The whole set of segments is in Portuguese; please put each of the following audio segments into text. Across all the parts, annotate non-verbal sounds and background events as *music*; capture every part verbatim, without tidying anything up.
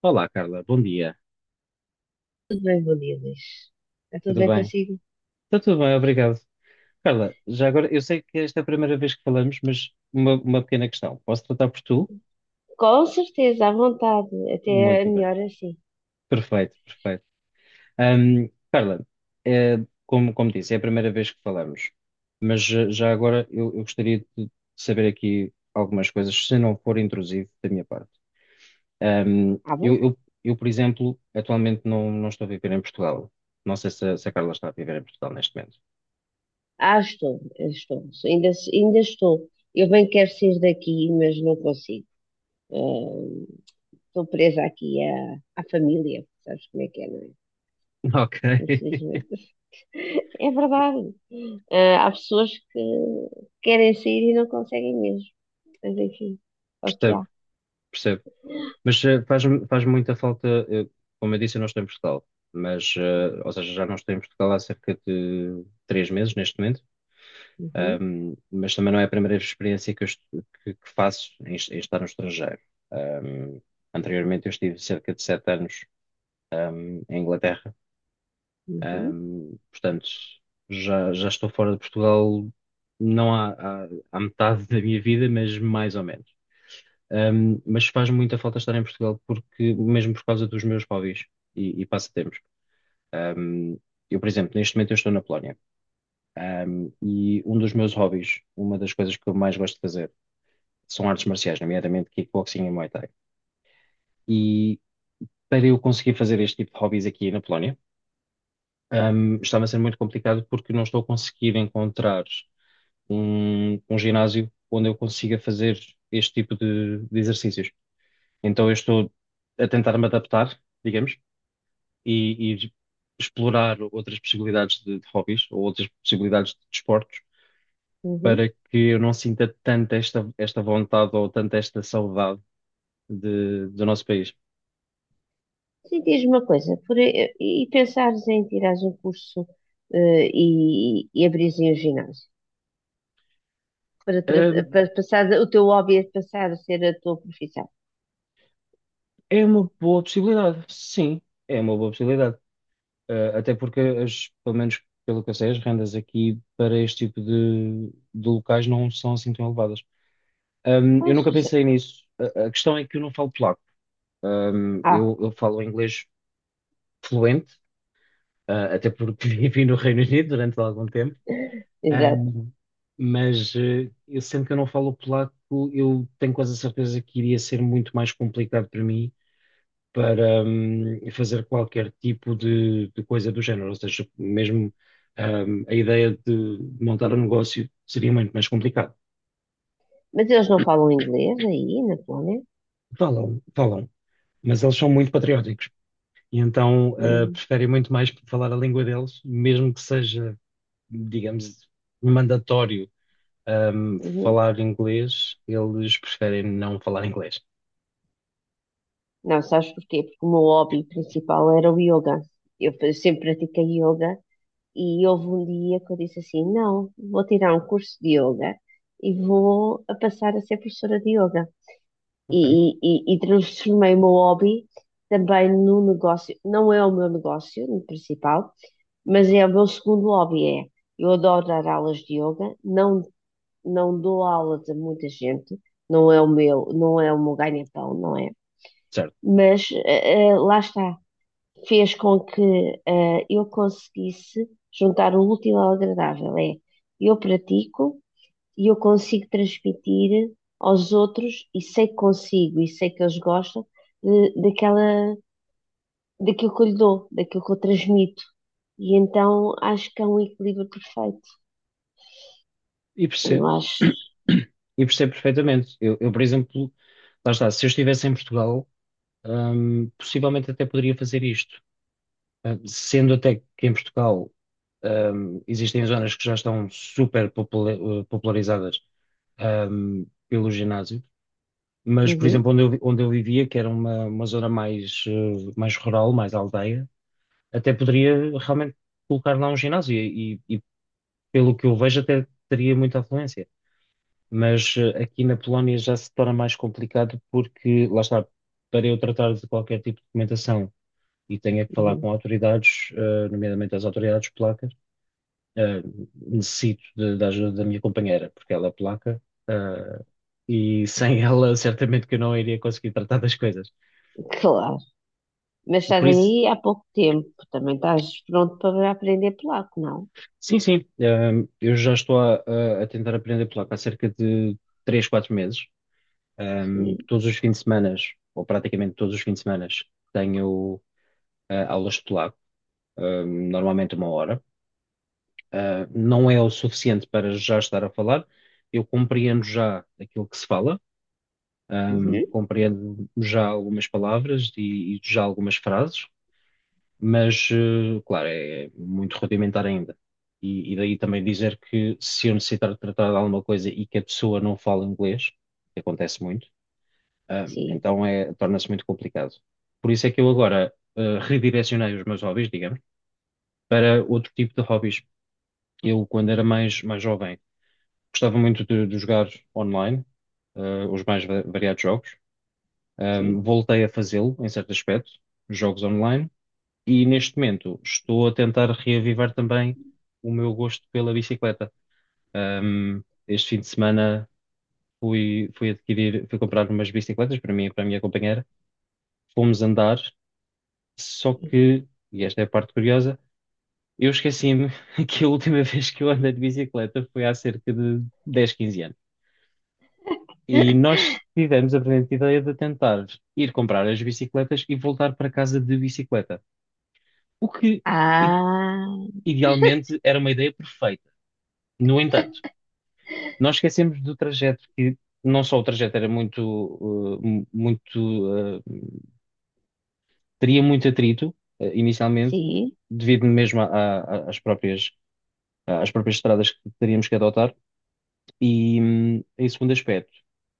Olá, Carla, bom dia. Tudo bem, bom dia, Luís. Está tudo Tudo bem bem? consigo? Está tudo bem, obrigado. Carla, já agora, eu sei que esta é a primeira vez que falamos, mas uma, uma pequena questão. Posso tratar por tu? Com certeza, à vontade. Até é Muito bem. melhor assim. Perfeito, perfeito. Ahm, Carla, eh, como, como disse, é a primeira vez que falamos, mas eh, já agora eu, eu gostaria de saber aqui algumas coisas, se não for intrusivo da minha parte. Ahm, Ah, bom? eu, eu- eu, por exemplo, atualmente não, não estou a viver em Portugal. Não sei se, se a Carla está a viver em Portugal neste momento. Ah, estou, estou. Ainda, ainda estou. Eu bem quero sair daqui, mas não consigo. Ahm, Estou presa aqui à, à família. Sabes como é que é, não é? *laughs* Ok. Infelizmente. *laughs* É verdade. Ah, há pessoas que querem sair e não conseguem mesmo. Mas enfim, é o que *laughs* há. Percebo. Mas eh, faz, faz muita falta, eh, como eu disse, eu não estou em Portugal, mas, eh, ou seja, já não estou em Portugal há cerca de três meses neste momento. Uhum, Ahm, mas também não é a primeira experiência que, eu est- que- que faço em, est- em estar no estrangeiro. Ahm, anteriormente eu estive cerca de sete anos, ahm, em Inglaterra. uhum, Ahm, portanto, já, já estou fora de Portugal, não há, há, há metade da minha vida, mas mais ou menos. Um, mas faz muita falta estar em Portugal porque mesmo por causa dos meus hobbies e, e passatempos. Um, eu, por exemplo, neste momento eu estou na Polónia. Um, e um dos meus hobbies, uma das coisas que eu mais gosto de fazer, são artes marciais, nomeadamente kickboxing e Muay Thai. E para eu conseguir fazer este tipo de hobbies aqui na Polónia, um, estava a ser muito complicado porque não estou a conseguir encontrar um, um ginásio onde eu consiga fazer este tipo de, de exercícios. Então eu estou a tentar me adaptar, digamos, e, e explorar outras possibilidades de, de hobbies ou outras possibilidades de desportos para uhum. que eu não sinta tanto esta, esta vontade ou tanto esta saudade de, do nosso país. Sim, diz-me uma coisa, por, e, e pensares em tirares um curso eh, e, e abrires aí um ginásio para, tra- Ahm, para passar o teu hobby a passar a ser a tua profissão. É uma boa possibilidade, sim, é uma boa possibilidade. Ah, até porque, as, pelo menos pelo que eu sei, as rendas aqui para este tipo de, de locais não são assim tão elevadas. Ahm, eu Pois, nunca exa- pensei nisso. A, a questão é que eu não falo polaco. Ahm, ah, eu, eu falo inglês fluente, ah, até porque *laughs* vivi no Reino Unido durante algum tempo. *laughs* exato. Ahm, mas eh, eu sendo que eu não falo polaco, eu tenho quase a certeza que iria ser muito mais complicado para mim para hum, fazer qualquer tipo de, de coisa do género. Ou seja, mesmo hum, a ideia de montar um negócio seria muito mais complicado. Mas eles não falam inglês aí na Polónia? Falam, falam, mas eles são muito patrióticos e então ah, Hum, preferem muito mais falar a língua deles, mesmo que seja, digamos, mandatório um, uhum. falar inglês, eles preferem não falar inglês. Não, sabes porquê? Porque o meu hobby principal era o yoga. Eu fa- sempre pratiquei yoga e houve um dia que eu disse assim: não, vou tirar um curso de yoga e vou a passar a ser professora de yoga. Ok, E, e, e- e transformei o meu hobby também num negócio. Não é o meu negócio principal, mas é o meu segundo hobby. É, eu adoro dar aulas de yoga, não, não dou aulas a muita gente, não é o meu, não é o meu ganha-pão, não é? certo. Mas eh, eh, lá está, fez com que eh, eu conseguisse juntar o útil ao agradável. É, eu pratico e eu consigo transmitir aos outros e sei que consigo e sei que eles gostam de- daquela, daquilo que eu lhe dou, daquilo que eu transmito. E então acho que é um equilíbrio perfeito. E Eu percebo. acho. *coughs* *clears throat* E percebo perfeitamente. Eu, eu, por exemplo, lá está, se eu estivesse em Portugal, um, possivelmente até poderia fazer isto. Uh, Sendo até que em Portugal, um, existem zonas que já estão super popula- uh, popularizadas, um, pelo ginásio. Mas, por exemplo, Uhum, onde eu, vi- onde eu vivia, que era uma, uma zona mais, uh, mais rural, mais aldeia, até poderia realmente colocar lá um ginásio e, e pelo que eu vejo até teria muita afluência. Mas eh, aqui na Polónia já se torna mais complicado porque, lá está, para eu tratar de qualquer tipo de documentação e tenha que falar uhum, com autoridades, eh, nomeadamente as autoridades polacas, eh, necessito de- da ajuda da minha companheira, porque ela é polaca, eh, e sem ela certamente que eu não iria conseguir tratar das coisas. claro. Mas estás Por aí isso, há pouco tempo. Também estás pronto para aprender polaco, não? sim, sim. Ahm, eu já estou a, a- a tentar aprender polaco há cerca de três, quatro meses. Ahm, Sim. todos os fins de semana, ou praticamente todos os fins de semana, tenho ah, aulas de polaco, ahm, normalmente uma hora. Ah, não é o suficiente para já estar a falar. Eu compreendo já aquilo que se fala, ahm, Uhum, compreendo já algumas palavras e, e já algumas frases, mas, eh, claro, é muito rudimentar ainda. E, e daí também dizer que se eu necessitar de tratar de alguma coisa e que a pessoa não fala inglês, que acontece muito, ah, sim, então é, torna-se muito complicado. Por isso é que eu agora, ah, redirecionei os meus hobbies, digamos, para outro tipo de hobbies. Eu, quando era mais, mais jovem, gostava muito de, de jogar online, ah, os mais va- variados jogos. Ah, sim. voltei a fazê-lo, em certo aspecto, jogos online. E neste momento estou a tentar reavivar também o meu gosto pela bicicleta. Ahm, este fim de semana fui, fui adquirir, fui comprar umas bicicletas para mim e para a minha companheira. Fomos andar, só que, e esta é a parte curiosa, eu esqueci-me *laughs* que a última vez que eu andei de bicicleta foi há cerca de dez, quinze anos. E nós tivemos a brilhante ideia de tentar ir comprar as bicicletas e voltar para casa de bicicleta. O que, i- Ah. idealmente, era uma ideia perfeita. No entanto, nós esquecemos do trajeto, que não só o trajeto era muito, uh, mu- muito, uh, teria muito atrito, uh, inicialmente, Sim. devido mesmo a- a- às próprias, às próprias estradas que teríamos que adotar. E, hum, em segundo aspecto,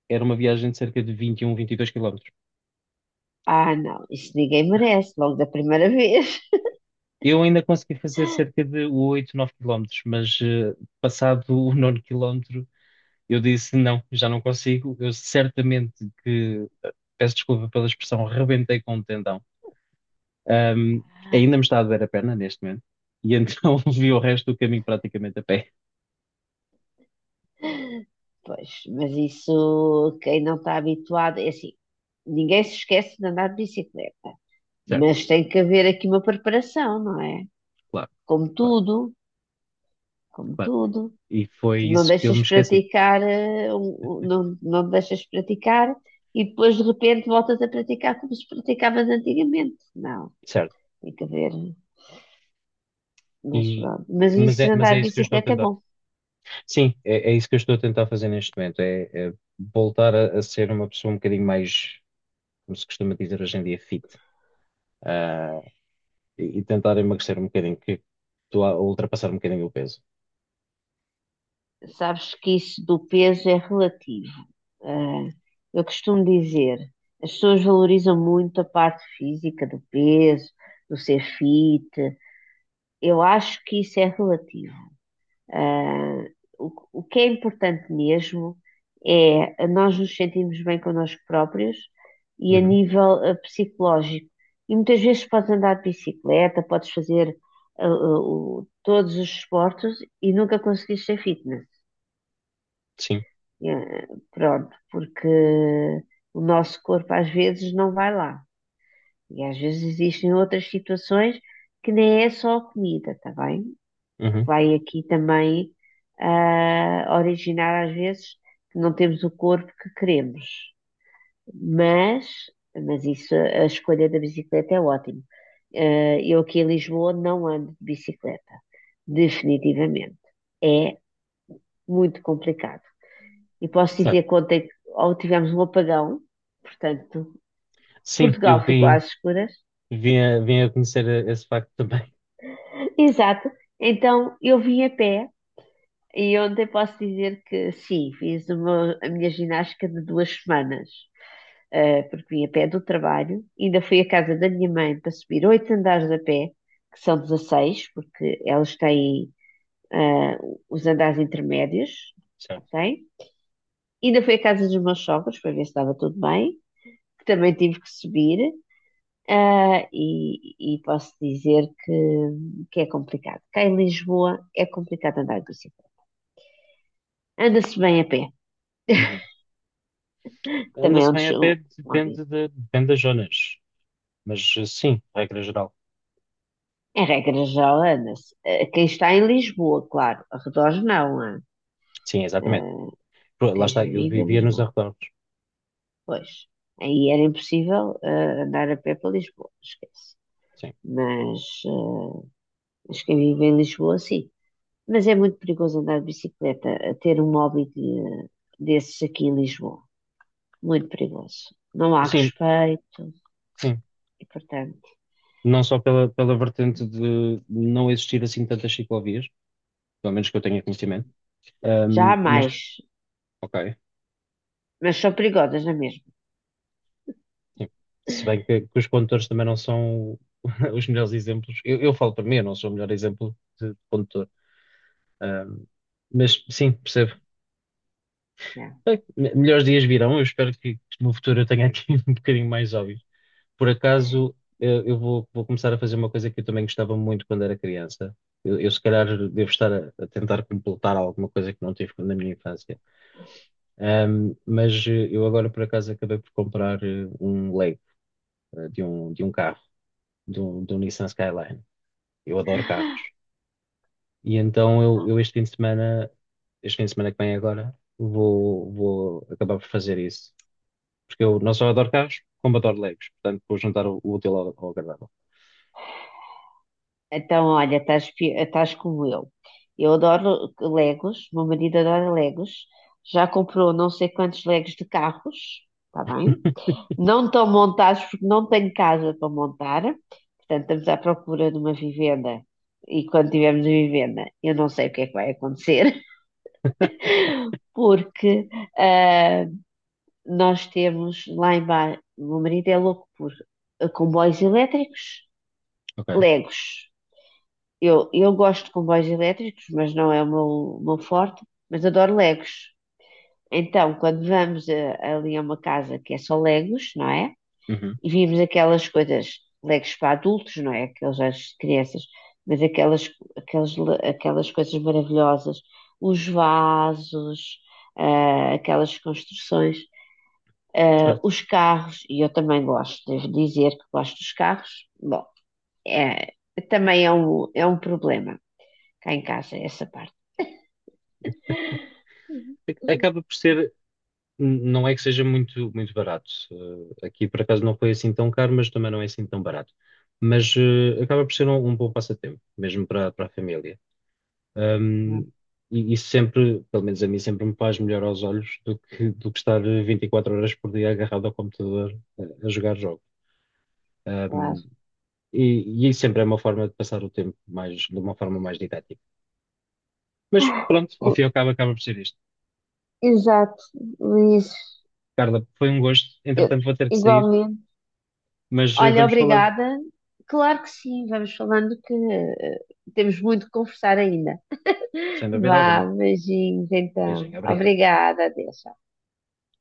era uma viagem de cerca de vinte vinte e um, vinte e dois quilómetros. Ah, não, isso ninguém merece, logo da primeira *laughs* vez. Eu ainda consegui fazer cerca de oito, nove quilómetros, mas uh, passado o nono quilómetro, eu disse não, já não consigo. Eu certamente que, eh, peço desculpa pela expressão, rebentei com o tendão. Um, ainda me está a doer a perna neste momento. E então *laughs* vi o resto do caminho praticamente a pé. Pois, mas isso, quem não está habituado, é assim, ninguém se esquece de andar de bicicleta, Certo, mas tem que haver aqui uma preparação, não é? claro, Como claro, tudo, como claro. tudo. E foi Tu não isso que eu me deixas esqueci. praticar, eh, um- um- não, não te deixas praticar e depois de repente voltas a praticar como se praticavas antigamente. Não, Certo. tem que haver, mas E, pronto. Mas mas, isso é, de mas andar é de isso que eu estou a bicicleta é tentar. bom. Sim, é, é isso que eu estou a tentar fazer neste momento. É, é voltar a, a ser uma pessoa um bocadinho mais, como se costuma dizer hoje em dia, fit. Ah, e, e tentar emagrecer um bocadinho, que estou a ultrapassar um bocadinho o peso. Sabes que isso do peso é relativo. Ah, eu costumo dizer, as pessoas valorizam muito a parte física do peso, do ser fit. Eu acho que isso é relativo. Ah, o, o que é importante mesmo é nós nos sentirmos bem connosco próprios e a Uhum, nível ah, psicológico. E muitas vezes podes andar de bicicleta, podes fazer ah, ah, o- todos os esportes e nunca conseguires ser fitness. sim, Eh, Pronto, porque o nosso corpo às vezes não vai lá. E às vezes existem outras situações que nem é só a comida, está bem? Que uhum, vai aqui também ah, originar às vezes que não temos o corpo que queremos. Mas, mas isso, a escolha da bicicleta é ótimo. Eh, eu aqui em Lisboa não ando de bicicleta, definitivamente. É muito complicado. E posso certo. dizer que ontem ou tivemos um apagão, portanto, Sim, Portugal eu ficou vim, às escuras. vim, a, vim a conhecer esse facto também. *laughs* Exato. Então eu vim a pé e ontem posso dizer que sim, fiz uma- a minha ginástica de duas semanas, eh, porque vim a pé do trabalho, ainda fui à casa da minha mãe para subir oito andares a pé, que são dezasseis porque elas têm eh, os andares intermédios, Certo. ok? Ainda fui à casa dos meus sogros para ver se estava tudo bem, que também tive que subir. Ah, e, e posso dizer que, que é complicado. Cá em Lisboa é complicado andar de bicicleta. Anda-se bem a pé, Uhum. também é Anda-se um, bem des- a um pé, óbvio. depende, de, depende das zonas, mas eh, sim, regra geral. Em regra geral, anda-se. Ah, quem está em Lisboa, claro, arredores não. Ah. Sim, exatamente. Ah, Pô, lá quem está, eu vive em vivia nos Lisboa. arredores. Pois, aí era impossível, ah, andar a pé para Lisboa, esquece. Sim, Mas, ah, mas quem vive em Lisboa, sim. Mas é muito perigoso andar de bicicleta, a ter um hobby de- desses aqui em Lisboa. Muito perigoso. Não há sim, respeito sim. e, portanto, Não só pela, pela vertente de não existir assim tantas ciclovias, pelo menos que eu tenha conhecimento, já ahm, há mas mais, ok, mas são perigosas na mesma. sim. Se bem que, que os condutores também não são *laughs* os melhores exemplos, eu, eu falo para mim, eu não sou o melhor exemplo de condutor. Ahm, mas sim, percebo. Yeah. Bem, me- melhores dias virão, eu espero que, que no futuro eu tenha aqui *laughs* um bocadinho mais óbvio. Por acaso, eu, eu vou, vou começar a fazer uma coisa que eu também gostava muito quando era criança. Eu, eu, se calhar, devo estar a, a tentar completar alguma coisa que não tive na minha infância. Ahm, mas eh, eu agora, por acaso, acabei por comprar eh, um Lego eh, de um, de um carro, de um, de um Nissan Skyline. Eu adoro carros. E então, eu, eu este fim de semana, este fim de semana que vem agora, vou, vou acabar por fazer isso. Porque eu não só adoro carros, como adoro Legos. Portanto, vou juntar o, o útil ao, ao agradável. Então, olha, estás, pi- estás como eu. Eu adoro Legos, meu marido adora Legos, já comprou não sei quantos Legos de carros, está bem? Não estão montados porque não tenho casa para montar, portanto, estamos à procura de uma vivenda. E quando tivermos a vivenda, eu não sei o que é que vai acontecer, *laughs* porque ah, nós temos lá em bar, o meu marido é louco por eh, comboios elétricos, Ok. Legos. Eu, eu gosto de comboios elétricos, mas não é o meu, o meu forte, mas adoro Legos. Então, quando vamos a- ali a uma casa que é só Legos, não é? Uhum. E vimos aquelas coisas, Legos para adultos, não é? Aqueles às crianças, mas aquelas, aquelas, aquelas coisas maravilhosas, os vasos, ah, aquelas construções. Ah, Certo. os carros, e eu também gosto, devo dizer que gosto dos carros, bom, é, também é um, é um problema cá em casa, essa parte. Acaba por ser, não é que seja muito, muito barato. Eh, Aqui por acaso não foi assim tão caro, mas também não é assim tão barato. Mas eh, acaba por ser um, um bom passatempo, mesmo para, para a família. Ahm, Hum. e, e sempre, pelo menos a mim, sempre me faz melhor aos olhos do que, do que estar vinte e quatro horas por dia agarrado ao computador a, a jogar jogos. Claro. Ahm, e, e sempre é uma forma de passar o tempo mais, de uma forma mais didática. Mas *laughs* pronto, ao O- fim e ao cabo acaba por ser isto. Exato, Luís, Carla, foi um gosto. eu- Entretanto, vou ter que sair. igualmente. Mas eh, Olha, vamos falando, obrigada. Claro que sim, vamos falando que eh, temos muito que conversar ainda. sem dúvida Vá, alguma. beijinhos então. Beijinho, obrigado. Obrigada, adeus.